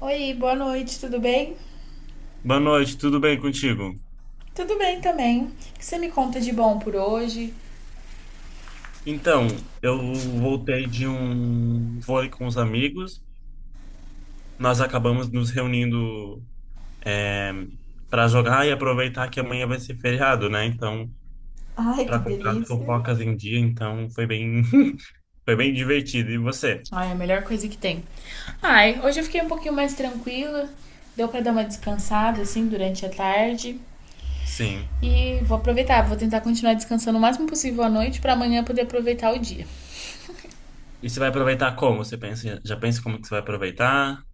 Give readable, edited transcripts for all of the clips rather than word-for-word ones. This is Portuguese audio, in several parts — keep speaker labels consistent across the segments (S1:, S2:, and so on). S1: Oi, boa noite, tudo bem?
S2: Boa noite, tudo bem contigo?
S1: Tudo bem também. O que você me conta de bom por hoje?
S2: Então, eu voltei de um vôlei com os amigos. Nós acabamos nos reunindo para jogar e aproveitar que amanhã vai ser feriado, né? Então,
S1: Ai, que
S2: para colocar as
S1: delícia.
S2: fofocas em dia, então foi bem, foi bem divertido. E você?
S1: Ai, a melhor coisa que tem. Ai, hoje eu fiquei um pouquinho mais tranquila. Deu pra dar uma descansada assim durante a tarde
S2: Sim.
S1: e vou aproveitar, vou tentar continuar descansando o máximo possível à noite pra amanhã poder aproveitar o dia.
S2: E você vai aproveitar como? Já pensa como que você vai aproveitar?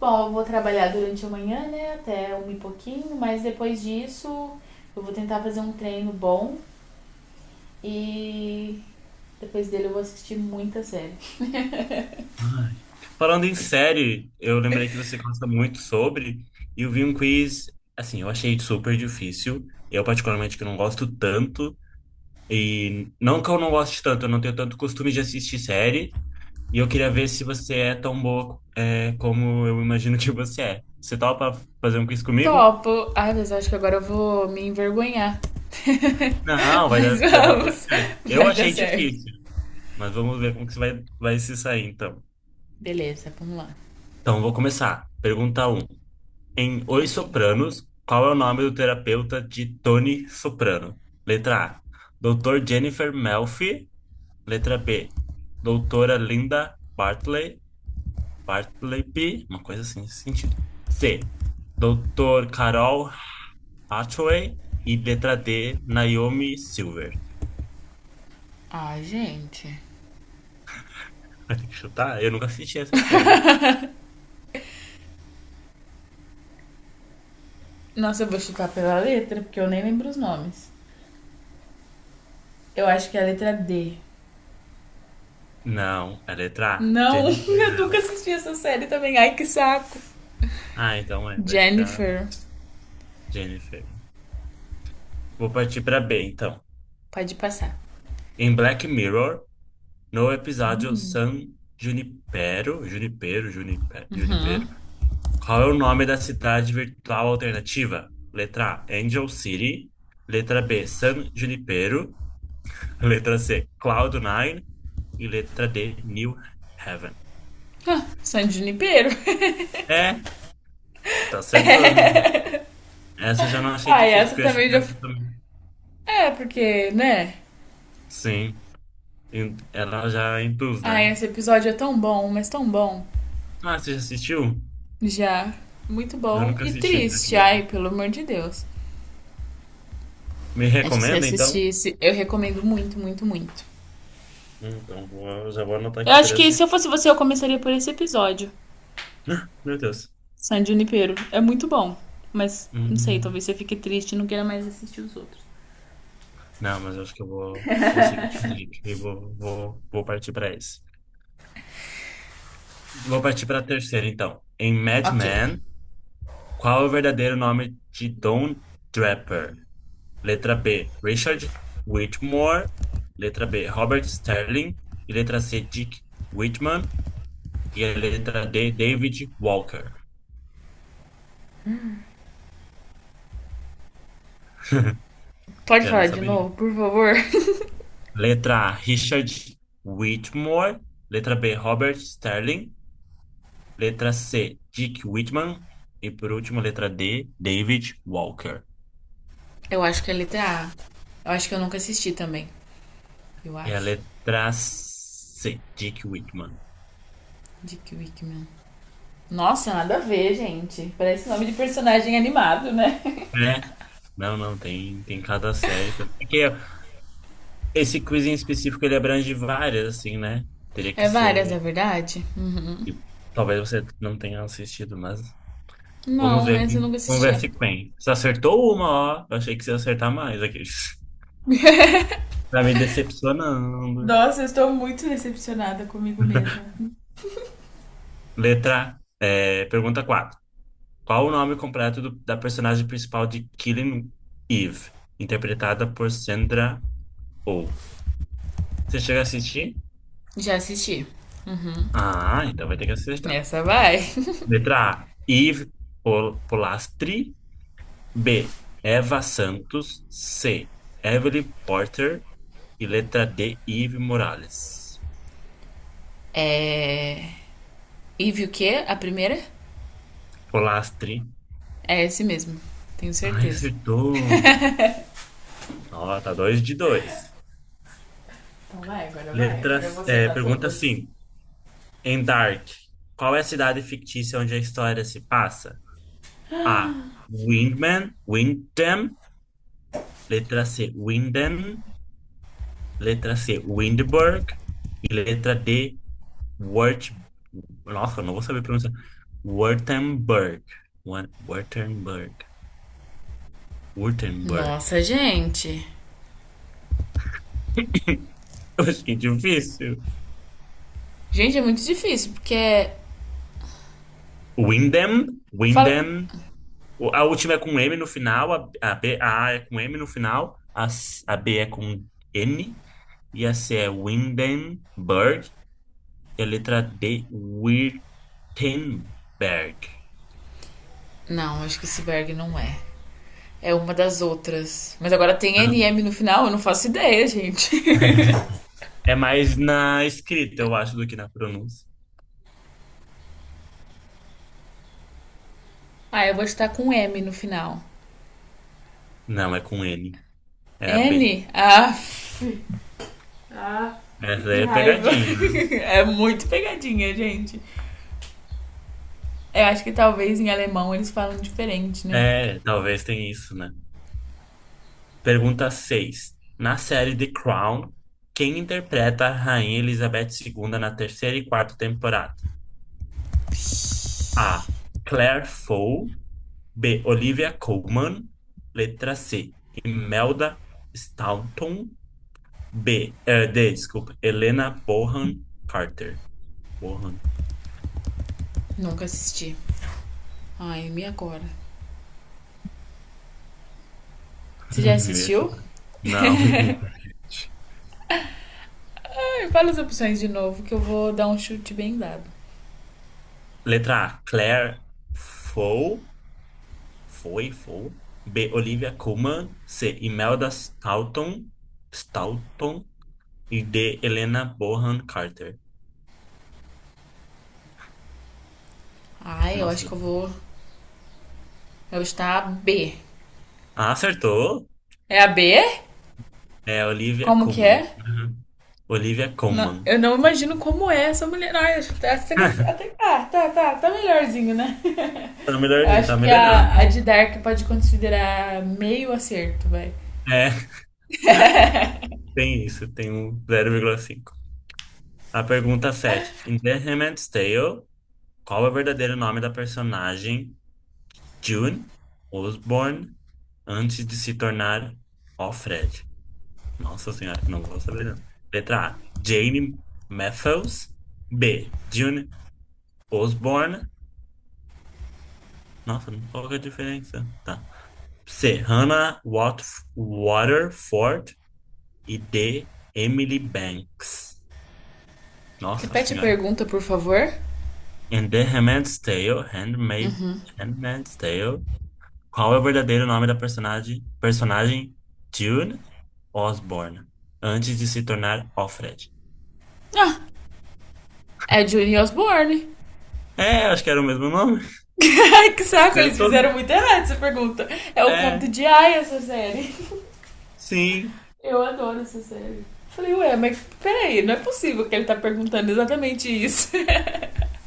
S1: Bom, eu vou trabalhar durante a manhã, né, até um e pouquinho, mas depois disso eu vou tentar fazer um treino bom e depois dele eu vou assistir muita série.
S2: Ai. Falando em série, eu lembrei que você gosta muito sobre, e eu vi um quiz, assim, eu achei super difícil. Eu, particularmente, que não gosto tanto, e não que eu não goste tanto, eu não tenho tanto costume de assistir série, e eu queria ver se você é tão boa, é, como eu imagino que você é. Você topa fazer um quiz comigo?
S1: Topo. Ai, mas eu acho que agora eu vou me envergonhar.
S2: Não, vai
S1: Mas
S2: dar, vai dar tudo
S1: vamos,
S2: certo. Eu
S1: vai dar
S2: achei
S1: certo.
S2: difícil, mas vamos ver como que você vai se sair, então.
S1: Beleza, vamos lá.
S2: Então, vou começar. Pergunta um. Em Os
S1: Ok.
S2: Sopranos, qual é o nome do terapeuta de Tony Soprano? Letra A. Doutor Jennifer Melfi. Letra B. Doutora Linda Bartley. Bartleby. Uma coisa assim, nesse sentido. C. Doutor Carol Hathaway. E letra D. Naomi Silver.
S1: Ai, gente.
S2: Vai ter que chutar? Eu nunca assisti essa série.
S1: Nossa, eu vou chutar pela letra, porque eu nem lembro os nomes. Eu acho que é a letra D.
S2: Não, é letra A.
S1: Não,
S2: Jennifer
S1: eu nunca
S2: Melfi.
S1: assisti essa série também. Ai, que saco.
S2: Ah, então é, vai ficar
S1: Jennifer.
S2: Jennifer. Vou partir para B, então.
S1: Pode passar.
S2: Em Black Mirror. No episódio San Junipero,
S1: Hum,
S2: qual é o nome da cidade virtual alternativa? Letra A, Angel City. Letra B, San Junipero. Letra C, Cloud Nine. E letra D, New Haven.
S1: San Junipero.
S2: É, tá acertando já. Essa eu já não achei
S1: Ai,
S2: difícil,
S1: essa
S2: porque eu achei
S1: também já.
S2: essa também.
S1: É, porque, né?
S2: Sim, ela já induz,
S1: Ai,
S2: né?
S1: esse episódio é tão bom, mas tão bom.
S2: Ah, você já assistiu?
S1: Já. Muito
S2: Eu
S1: bom
S2: nunca
S1: e
S2: assisti Black
S1: triste, ai,
S2: Mirror.
S1: pelo amor de Deus.
S2: Me
S1: Acho que se
S2: recomenda, então?
S1: assistisse, eu recomendo muito, muito, muito.
S2: Então, já vou anotar
S1: Eu
S2: aqui
S1: acho
S2: para
S1: que se
S2: assistir.
S1: eu fosse você, eu começaria por esse episódio.
S2: Ah, meu Deus.
S1: San Junipero. É muito bom. Mas, não sei, talvez
S2: Hum,
S1: você fique triste e não queira mais assistir os outros.
S2: não, mas eu acho que eu vou seguir esse link e vou partir para esse. Vou partir para a terceira, então. Em Mad
S1: Ok.
S2: Men, qual é o verdadeiro nome de Don Draper? Letra B, Richard Whitmore. Letra B, Robert Sterling. E letra C, Dick Whitman. E a letra D, David Walker.
S1: Pode
S2: Eu não
S1: falar de
S2: saberia.
S1: novo, por favor?
S2: Letra A, Richard Whitmore. Letra B, Robert Sterling. Letra C, Dick Whitman. E por último, letra D, David Walker.
S1: Eu acho que é letra A. Eu acho que eu nunca assisti também. Eu
S2: E a
S1: acho.
S2: letra C, Dick Whitman.
S1: Dick Wickman. Nossa, nada a ver, gente. Parece nome de personagem animado, né?
S2: Né? Não, não, tem cada série também. Porque esse quiz em específico, ele abrange várias, assim, né? Teria que
S1: É várias, é
S2: ser...
S1: verdade?
S2: E talvez você não tenha assistido, mas... Vamos
S1: Não,
S2: ver.
S1: essa eu nunca
S2: Vamos ver
S1: assisti.
S2: se quem. Você acertou uma, ó. Eu achei que você ia acertar mais aqui. Tá me decepcionando.
S1: Nossa, eu estou muito decepcionada comigo mesma.
S2: Letra... é, pergunta 4. Qual o nome completo da personagem principal de Killing Eve, interpretada por Sandra Oh? Você chega a assistir?
S1: Já assisti.
S2: Ah, então vai ter que acertar.
S1: Essa vai.
S2: Letra A, Eve Polastri. B, Eva Santos. C, Evelyn Porter. E letra D, Eve Morales.
S1: É. Eve o quê? A primeira?
S2: Polastri.
S1: É esse mesmo. Tenho
S2: Ai,
S1: certeza.
S2: acertou. Ó, tá dois de dois.
S1: Então vai. Agora eu
S2: Letras,
S1: vou
S2: é,
S1: acertar
S2: pergunta
S1: todas.
S2: 5. Em Dark, qual é a cidade fictícia onde a história se passa? A. Windman, Windham. Letra C. Windham. Letra C. Windberg. E letra D. Wurt... Nossa, eu não vou saber pronunciar. Wurtemberg. Wurtemberg. Wurtemberg.
S1: Nossa, gente.
S2: Eu achei difícil.
S1: Gente, é muito difícil, porque é.
S2: Windham.
S1: Fala...
S2: Windham. A última é com M no final. A, B, a A é com M no final. A, a B é com N. E a C é Windenberg. É a letra D, Wittenberg.
S1: Não, acho que esse Berg não é. É uma das outras. Mas agora tem N
S2: Hum.
S1: M no final, eu não faço ideia, gente.
S2: É mais na escrita, eu acho, do que na pronúncia.
S1: Ah, eu vou estar com M no final.
S2: Não, é com N. É a B.
S1: N? Ah, ah,
S2: Essa
S1: que
S2: aí é
S1: raiva.
S2: pegadinha, né?
S1: É muito pegadinha, gente. Eu acho que talvez em alemão eles falam diferente, né?
S2: É, talvez tenha isso, né? Pergunta seis. Na série The Crown, quem interpreta a Rainha Elizabeth II na terceira e quarta temporada? A. Claire Foy. B. Olivia Colman. Letra C. Imelda Staunton. B, D, desculpa. Helena Bonham Carter. Bonham.
S1: Nunca assisti. Ai, me agora. Você já
S2: Isso.
S1: assistiu?
S2: Não.
S1: Fala as opções de novo que eu vou dar um chute bem dado.
S2: Letra A, Claire Foy. Foy. B, Olivia Colman. C, Imelda Staunton. Staunton. E D, Helena Bonham Carter.
S1: Ai, eu acho
S2: Nossa.
S1: que eu vou. Eu estar a B.
S2: Ah, acertou.
S1: É a B?
S2: É Olivia
S1: Como que
S2: Colman.
S1: é?
S2: Uhum. Olivia
S1: Não,
S2: Colman.
S1: eu não imagino
S2: Colman.
S1: como é essa mulher. Ai, acho que essa que eu- Até. Ah, tá, tá. Tá melhorzinho, né?
S2: Tá
S1: Eu
S2: melhorzinho,
S1: acho
S2: tá
S1: que a,
S2: melhorando.
S1: a de Dark pode considerar meio acerto, vai.
S2: É, tem isso, tem um 0,5. A pergunta 7. Em The Handmaid's Tale, qual é o verdadeiro nome da personagem June Osborne antes de se tornar Alfred? Nossa senhora, não vou saber não. Letra A, Jane Matthews. B, June Osborne. Nossa, qual que é a diferença? Tá. C, Hannah Waterford. E D, Emily Banks. Nossa
S1: Repete a
S2: senhora.
S1: pergunta, por favor.
S2: In The Handmaid's Tale, Handmaid's Tale, qual é o verdadeiro nome da personagem June Osborne, antes de se tornar Alfred?
S1: Ah, é Johnny Osborne.
S2: É, acho que era o mesmo nome.
S1: Que saco, eles
S2: Acertou?
S1: fizeram muito errado essa pergunta. É o conto
S2: É,
S1: de Ai essa série.
S2: sim.
S1: Eu adoro essa série. Falei, ué, mas peraí, não é possível que ele tá perguntando exatamente isso.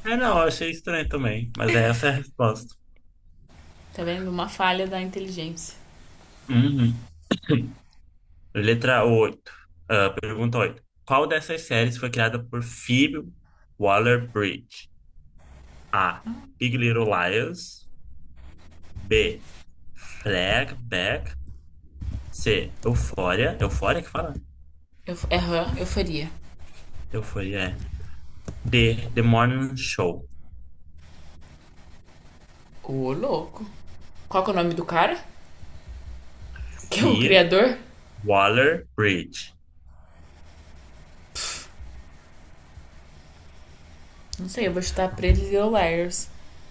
S2: É, não, eu achei estranho também, mas essa é a resposta.
S1: Tá vendo? Uma falha da inteligência.
S2: Uhum. Letra 8. Pergunta 8. Qual dessas séries foi criada por Phoebe Waller-Bridge? A. Big Little Liars. B. Fleabag. C. Euphoria. Euphoria que fala?
S1: Aham, eu faria.
S2: Eu fui, é. The Morning Show.
S1: Ô, louco. Qual que é o nome do cara? Que é o
S2: Phoebe
S1: criador?
S2: Waller-Bridge.
S1: Não sei, eu vou chutar Pretty Little Liars.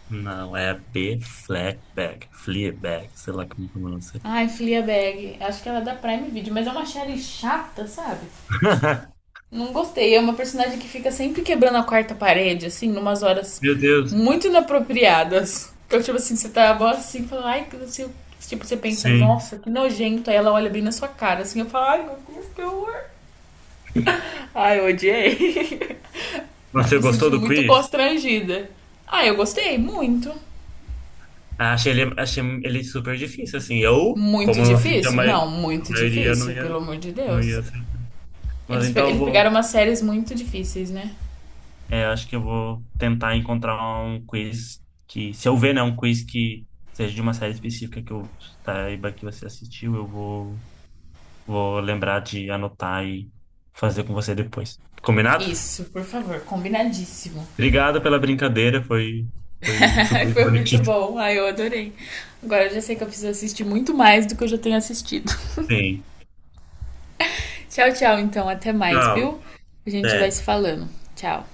S2: Não, é B. Fleabag. Fleabag, sei lá como pronuncia.
S1: Ai, Fleabag. Acho que ela é da Prime Video, mas é uma série chata, sabe? Não gostei. É uma personagem que fica sempre quebrando a quarta parede, assim, numas horas
S2: Meu Deus.
S1: muito inapropriadas. Então, tipo assim, você tá mó assim, fala, ai, que não sei o que. Tipo, você pensa,
S2: Sim.
S1: nossa, que nojento. Aí ela olha bem na sua cara, assim, eu falo, ai, meu Deus, que horror. Ai, eu odiei.
S2: Você
S1: Me
S2: gostou
S1: senti
S2: do
S1: muito
S2: quiz?
S1: constrangida. Ah, eu gostei, muito.
S2: Ah, achei ele super difícil, assim. Eu,
S1: Muito
S2: como não assisti
S1: difícil? Não,
S2: a
S1: muito
S2: maioria, não
S1: difícil, pelo
S2: ia,
S1: amor de
S2: não
S1: Deus.
S2: ia ser. Mas então eu
S1: Eles pegaram
S2: vou...
S1: umas séries muito difíceis, né?
S2: É, acho que eu vou tentar encontrar um quiz que... Se eu ver, né, um quiz que seja de uma série específica que eu saiba que você assistiu, eu vou... Vou lembrar de anotar e fazer com você depois. Combinado?
S1: Isso, por favor, combinadíssimo.
S2: Obrigado pela brincadeira, foi
S1: Ai,
S2: super
S1: foi muito
S2: divertido.
S1: bom. Ai, eu adorei. Agora eu já sei que eu preciso assistir muito mais do que eu já tenho assistido.
S2: Sim.
S1: Tchau, tchau, então. Até mais,
S2: Tchau.
S1: viu? A gente vai se
S2: Até.
S1: falando. Tchau.